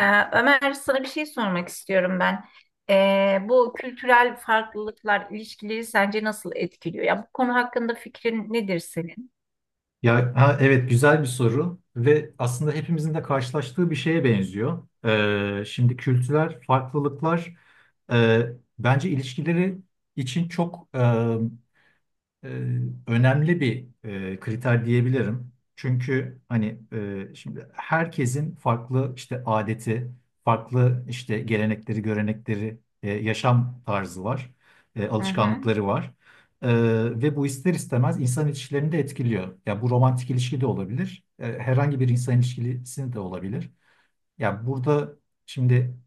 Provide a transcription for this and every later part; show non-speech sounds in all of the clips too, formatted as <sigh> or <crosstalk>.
Ee, Ömer, sana bir şey sormak istiyorum ben. Bu kültürel farklılıklar ilişkileri sence nasıl etkiliyor? Ya bu konu hakkında fikrin nedir senin? Ya ha, evet güzel bir soru ve aslında hepimizin de karşılaştığı bir şeye benziyor. Şimdi kültürel farklılıklar e, bence ilişkileri için çok e, önemli bir kriter diyebilirim. Çünkü hani şimdi herkesin farklı işte adeti, farklı işte gelenekleri, görenekleri, yaşam tarzı var, Hı hı. alışkanlıkları var. E, Ve bu ister istemez insan ilişkilerini de etkiliyor. Ya bu romantik ilişki de olabilir, herhangi bir insan ilişkisi de olabilir. Ya burada şimdi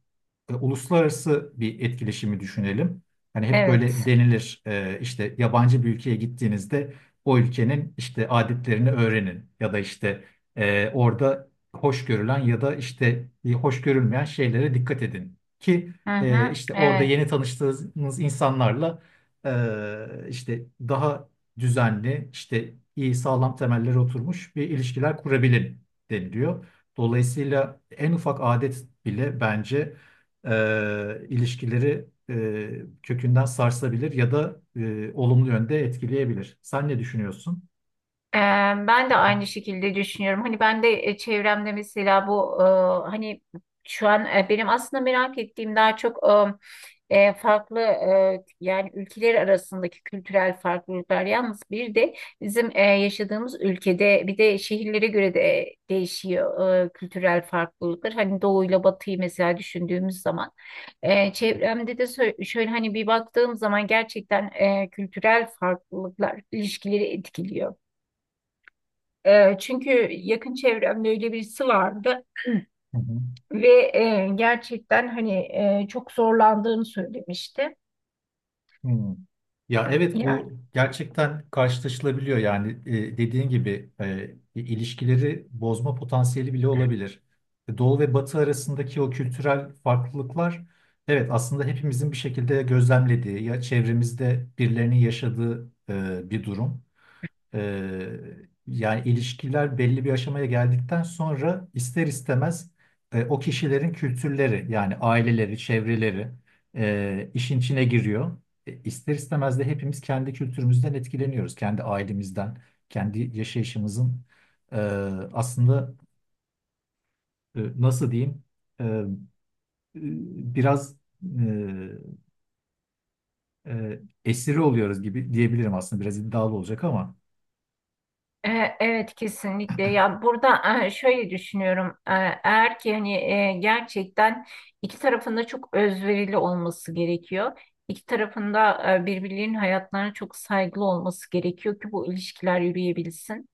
uluslararası bir etkileşimi düşünelim. Hani hep böyle Evet. denilir işte yabancı bir ülkeye gittiğinizde o ülkenin işte adetlerini öğrenin ya da işte orada hoş görülen ya da işte hoş görülmeyen şeylere dikkat edin ki Hı hı. işte orada Evet. yeni tanıştığınız insanlarla işte daha düzenli işte iyi sağlam temellere oturmuş bir ilişkiler kurabilin deniliyor. Dolayısıyla en ufak adet bile bence ilişkileri kökünden sarsabilir ya da olumlu yönde etkileyebilir. Sen ne düşünüyorsun? Ee, Ben de aynı şekilde düşünüyorum. Hani ben de çevremde mesela bu e, hani şu an benim aslında merak ettiğim daha çok farklı yani ülkeler arasındaki kültürel farklılıklar. Yalnız bir de bizim yaşadığımız ülkede bir de şehirlere göre de değişiyor kültürel farklılıklar. Hani doğuyla batıyı mesela düşündüğümüz zaman çevremde de şöyle hani bir baktığım zaman gerçekten kültürel farklılıklar ilişkileri etkiliyor. Çünkü yakın çevremde öyle birisi vardı Hı hı. ve gerçekten hani çok zorlandığını söylemişti. Hmm. Ya evet Yani bu gerçekten karşılaşılabiliyor yani dediğin gibi ilişkileri bozma potansiyeli bile olabilir. Doğu ve Batı arasındaki o kültürel farklılıklar evet aslında hepimizin bir şekilde gözlemlediği ya çevremizde birilerinin yaşadığı bir durum. Ee, Yani ilişkiler belli bir aşamaya geldikten sonra ister istemez o kişilerin kültürleri yani aileleri, çevreleri işin içine giriyor. İster istemez de hepimiz kendi kültürümüzden etkileniyoruz. Kendi ailemizden, kendi yaşayışımızın e, aslında nasıl diyeyim e, e, biraz e, esiri oluyoruz gibi diyebilirim aslında biraz iddialı olacak ama. Evet, kesinlikle. Ya burada şöyle düşünüyorum. Eğer ki hani gerçekten iki tarafında çok özverili olması gerekiyor. İki tarafında birbirlerinin hayatlarına çok saygılı olması gerekiyor ki bu ilişkiler yürüyebilsin.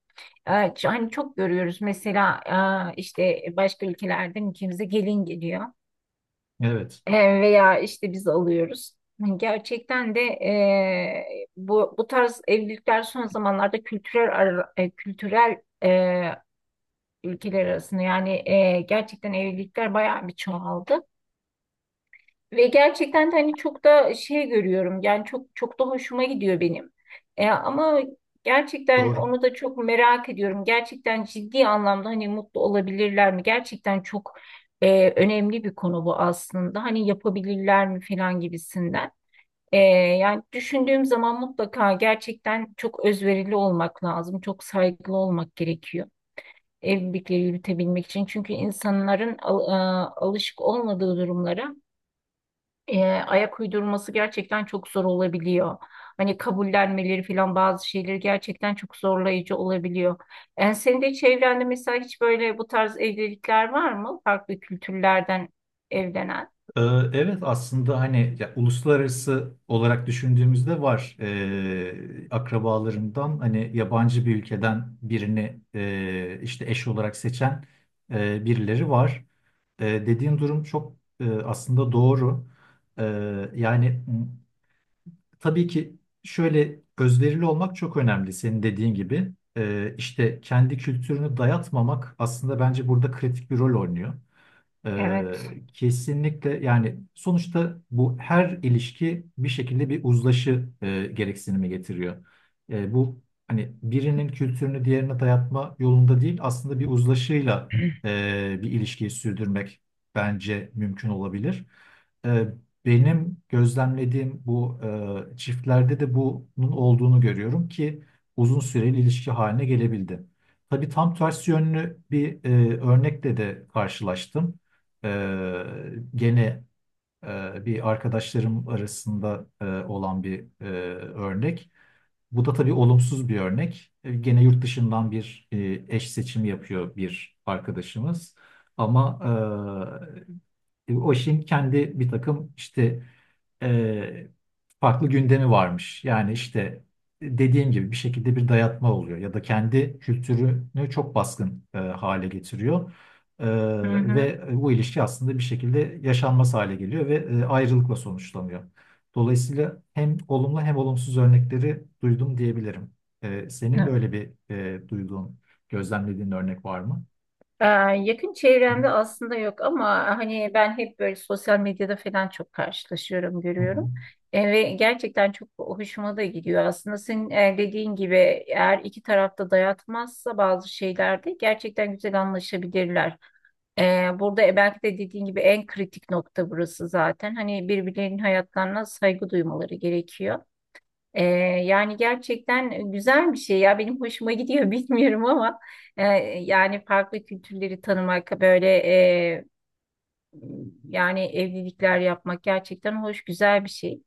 Hani çok görüyoruz mesela işte başka ülkelerden ülkemize gelin geliyor. Evet, E, Veya işte biz alıyoruz. Yani gerçekten de bu tarz evlilikler son zamanlarda kültürel ülkeler arasında yani gerçekten evlilikler bayağı bir çoğaldı. Ve gerçekten de hani çok da şey görüyorum yani çok da hoşuma gidiyor benim. Ama gerçekten doğru. onu da çok merak ediyorum. Gerçekten ciddi anlamda hani mutlu olabilirler mi? Gerçekten çok önemli bir konu bu aslında. Hani yapabilirler mi falan gibisinden. E, Yani düşündüğüm zaman mutlaka gerçekten çok özverili olmak lazım. Çok saygılı olmak gerekiyor. Evlilikleri yürütebilmek için. Çünkü alışık olmadığı durumlara ayak uydurması gerçekten çok zor olabiliyor. Hani kabullenmeleri falan bazı şeyleri gerçekten çok zorlayıcı olabiliyor. Yani senin de çevrende mesela hiç böyle bu tarz evlilikler var mı? Farklı kültürlerden evlenen. Ee, Evet aslında hani ya, uluslararası olarak düşündüğümüzde var. Akrabalarımdan hani yabancı bir ülkeden birini işte eş olarak seçen birileri var. Dediğin durum çok aslında doğru. E, Yani tabii ki şöyle özverili olmak çok önemli senin dediğin gibi. İşte kendi kültürünü dayatmamak aslında bence burada kritik bir rol oynuyor. Ee, Evet. Kesinlikle yani sonuçta bu her ilişki bir şekilde bir uzlaşı gereksinimi getiriyor. Bu hani birinin kültürünü diğerine dayatma yolunda değil aslında bir uzlaşıyla bir ilişkiyi sürdürmek bence mümkün olabilir. E, Benim gözlemlediğim bu çiftlerde de bunun olduğunu görüyorum ki uzun süreli ilişki haline gelebildi. Tabii tam tersi yönlü bir örnekle de karşılaştım. Gene bir arkadaşlarım arasında olan bir örnek. Bu da tabii olumsuz bir örnek. Gene yurt dışından bir eş seçimi yapıyor bir arkadaşımız. Ama e, OŞİ'nin kendi bir takım işte e, farklı gündemi varmış. Yani işte dediğim gibi bir şekilde bir dayatma oluyor ya da kendi kültürünü çok baskın hale getiriyor. E, Hı hı. Ve bu ilişki aslında bir şekilde yaşanmaz hale geliyor ve ayrılıkla sonuçlanıyor. Dolayısıyla hem olumlu hem olumsuz örnekleri duydum diyebilirim. Senin böyle bir duyduğun, gözlemlediğin örnek var mı? Ee, Yakın çevremde aslında yok ama hani ben hep böyle sosyal medyada falan çok karşılaşıyorum, Hı hı. görüyorum. Ve gerçekten çok hoşuma da gidiyor. Aslında senin dediğin gibi eğer iki tarafta dayatmazsa bazı şeylerde gerçekten güzel anlaşabilirler. Burada belki de dediğin gibi en kritik nokta burası zaten. Hani birbirlerinin hayatlarına saygı duymaları gerekiyor. Ee, Yani gerçekten güzel bir şey ya, benim hoşuma gidiyor <laughs> bilmiyorum ama e, yani farklı kültürleri tanımak böyle yani evlilikler yapmak gerçekten hoş, güzel bir şey.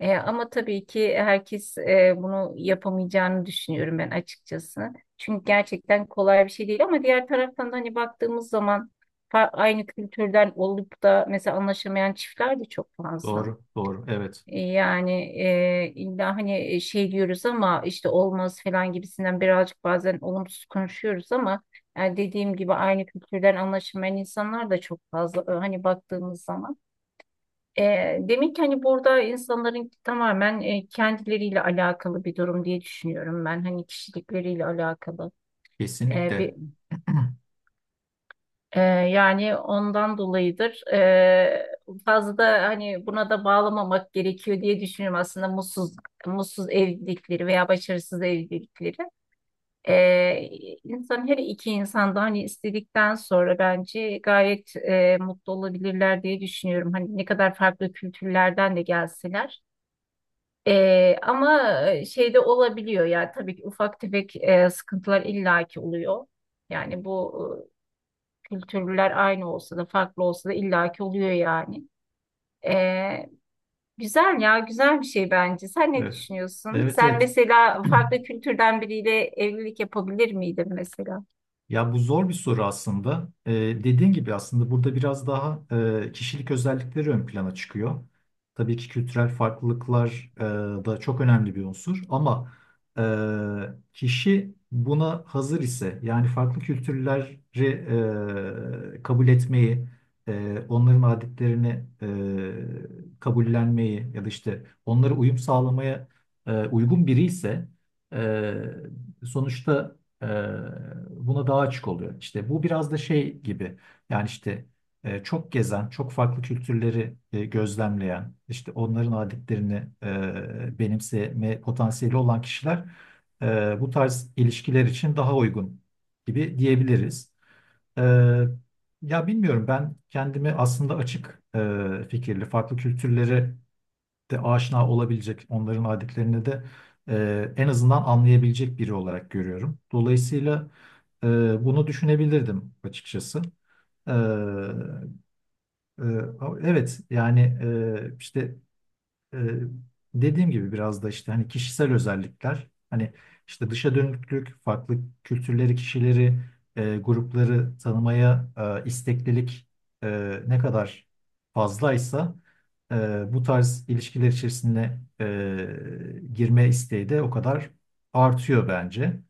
Ama tabii ki herkes bunu yapamayacağını düşünüyorum ben açıkçası. Çünkü gerçekten kolay bir şey değil ama diğer taraftan da hani baktığımız zaman aynı kültürden olup da mesela anlaşamayan çiftler de çok fazla. Doğru, doğru. Evet, Yani illa hani şey diyoruz ama işte olmaz falan gibisinden birazcık bazen olumsuz konuşuyoruz ama yani dediğim gibi aynı kültürden anlaşılmayan insanlar da çok fazla hani baktığımız zaman. Demek ki hani burada insanların tamamen kendileriyle alakalı bir durum diye düşünüyorum ben, hani kişilikleriyle alakalı. kesinlikle. Yani ondan dolayıdır. Fazla hani buna da bağlamamak gerekiyor diye düşünüyorum aslında, mutsuz evlilikleri veya başarısız evlilikleri. Ee, insan her iki insan da hani istedikten sonra bence gayet mutlu olabilirler diye düşünüyorum. Hani ne kadar farklı kültürlerden de gelseler. Ama şey de olabiliyor yani tabii ki ufak tefek sıkıntılar illaki oluyor. Yani bu kültürler aynı olsa da farklı olsa da illaki oluyor yani. Ee, Güzel ya, güzel bir şey bence. Sen ne Evet. düşünüyorsun? Evet, Sen evet. mesela farklı kültürden biriyle evlilik yapabilir miydin mesela? Hı. Ya bu zor bir soru aslında. Dediğin gibi aslında burada biraz daha kişilik özellikleri ön plana çıkıyor. Tabii ki kültürel farklılıklar da çok önemli bir unsur ama kişi buna hazır ise yani farklı kültürleri kabul etmeyi, onların adetlerini kabullenmeyi ya da işte onlara uyum sağlamaya uygun biri ise e, sonuçta Ee, buna daha açık oluyor. İşte bu biraz da şey gibi yani işte çok gezen, çok farklı kültürleri gözlemleyen, işte onların adetlerini benimseme potansiyeli olan kişiler bu tarz ilişkiler için daha uygun gibi diyebiliriz. E, Ya bilmiyorum ben kendimi aslında açık fikirli, farklı kültürleri de aşina olabilecek, onların adetlerini de en azından anlayabilecek biri olarak görüyorum. Dolayısıyla e, bunu düşünebilirdim açıkçası. E, e, evet yani işte ee, dediğim gibi biraz da işte hani kişisel özellikler hani işte dışa dönüklük, farklı kültürleri, kişileri, grupları tanımaya isteklilik ne kadar fazlaysa bu tarz ilişkiler içerisine girme isteği de o kadar artıyor bence.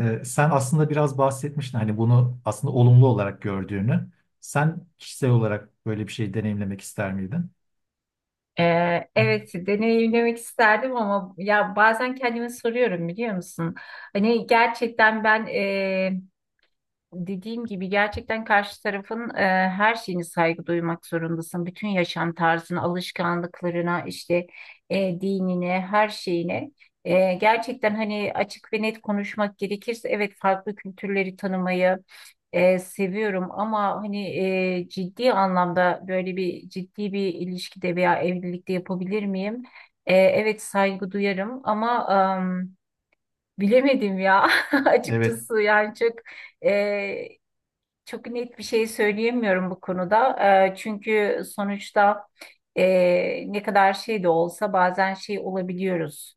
Sen aslında biraz bahsetmiştin hani bunu aslında olumlu olarak gördüğünü. Sen kişisel olarak böyle bir şey deneyimlemek ister miydin? Evet, deneyimlemek isterdim ama ya bazen kendime soruyorum, biliyor musun? Hani gerçekten, ben dediğim gibi gerçekten karşı tarafın her şeyine saygı duymak zorundasın. Bütün yaşam tarzına, alışkanlıklarına, işte dinine, her şeyine. Gerçekten hani açık ve net konuşmak gerekirse evet, farklı kültürleri tanımayı seviyorum ama hani ciddi anlamda böyle bir ciddi bir ilişkide veya evlilikte yapabilir miyim? Evet, saygı duyarım ama em, bilemedim ya <laughs> Evet. açıkçası, yani çok. e, Çok net bir şey söyleyemiyorum bu konuda. Çünkü sonuçta ne kadar şey de olsa bazen şey olabiliyoruz.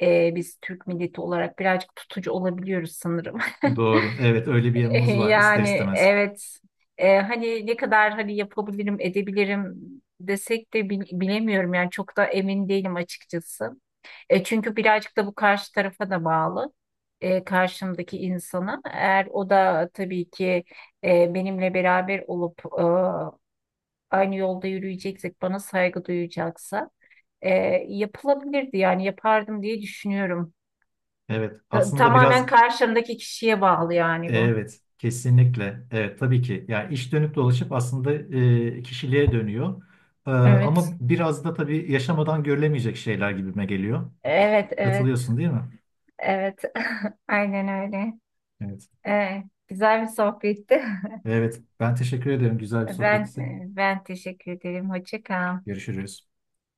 Biz Türk milleti olarak birazcık tutucu olabiliyoruz sanırım. Doğru. Evet, öyle bir <laughs> yanımız var ister Yani istemez. evet. Hani ne kadar hani yapabilirim edebilirim desek de bilemiyorum yani, çok da emin değilim açıkçası. Çünkü birazcık da bu karşı tarafa da bağlı. Karşımdaki insana. Eğer o da tabii ki benimle beraber olup aynı yolda yürüyeceksek, bana saygı duyacaksa e, yapılabilirdi yani, yapardım diye düşünüyorum. Evet aslında Tamamen biraz karşımdaki kişiye bağlı yani bu. evet kesinlikle evet tabii ki yani iş dönüp dolaşıp aslında kişiliğe dönüyor. Evet. Ama biraz da tabii yaşamadan görülemeyecek şeyler gibime geliyor. Evet, evet. Katılıyorsun değil mi? Evet, <laughs> aynen öyle. Evet. Güzel bir sohbetti. <laughs> Evet ben teşekkür ederim, güzel bir Ben sohbetti. Ben teşekkür ederim. Hoşça kal. Görüşürüz.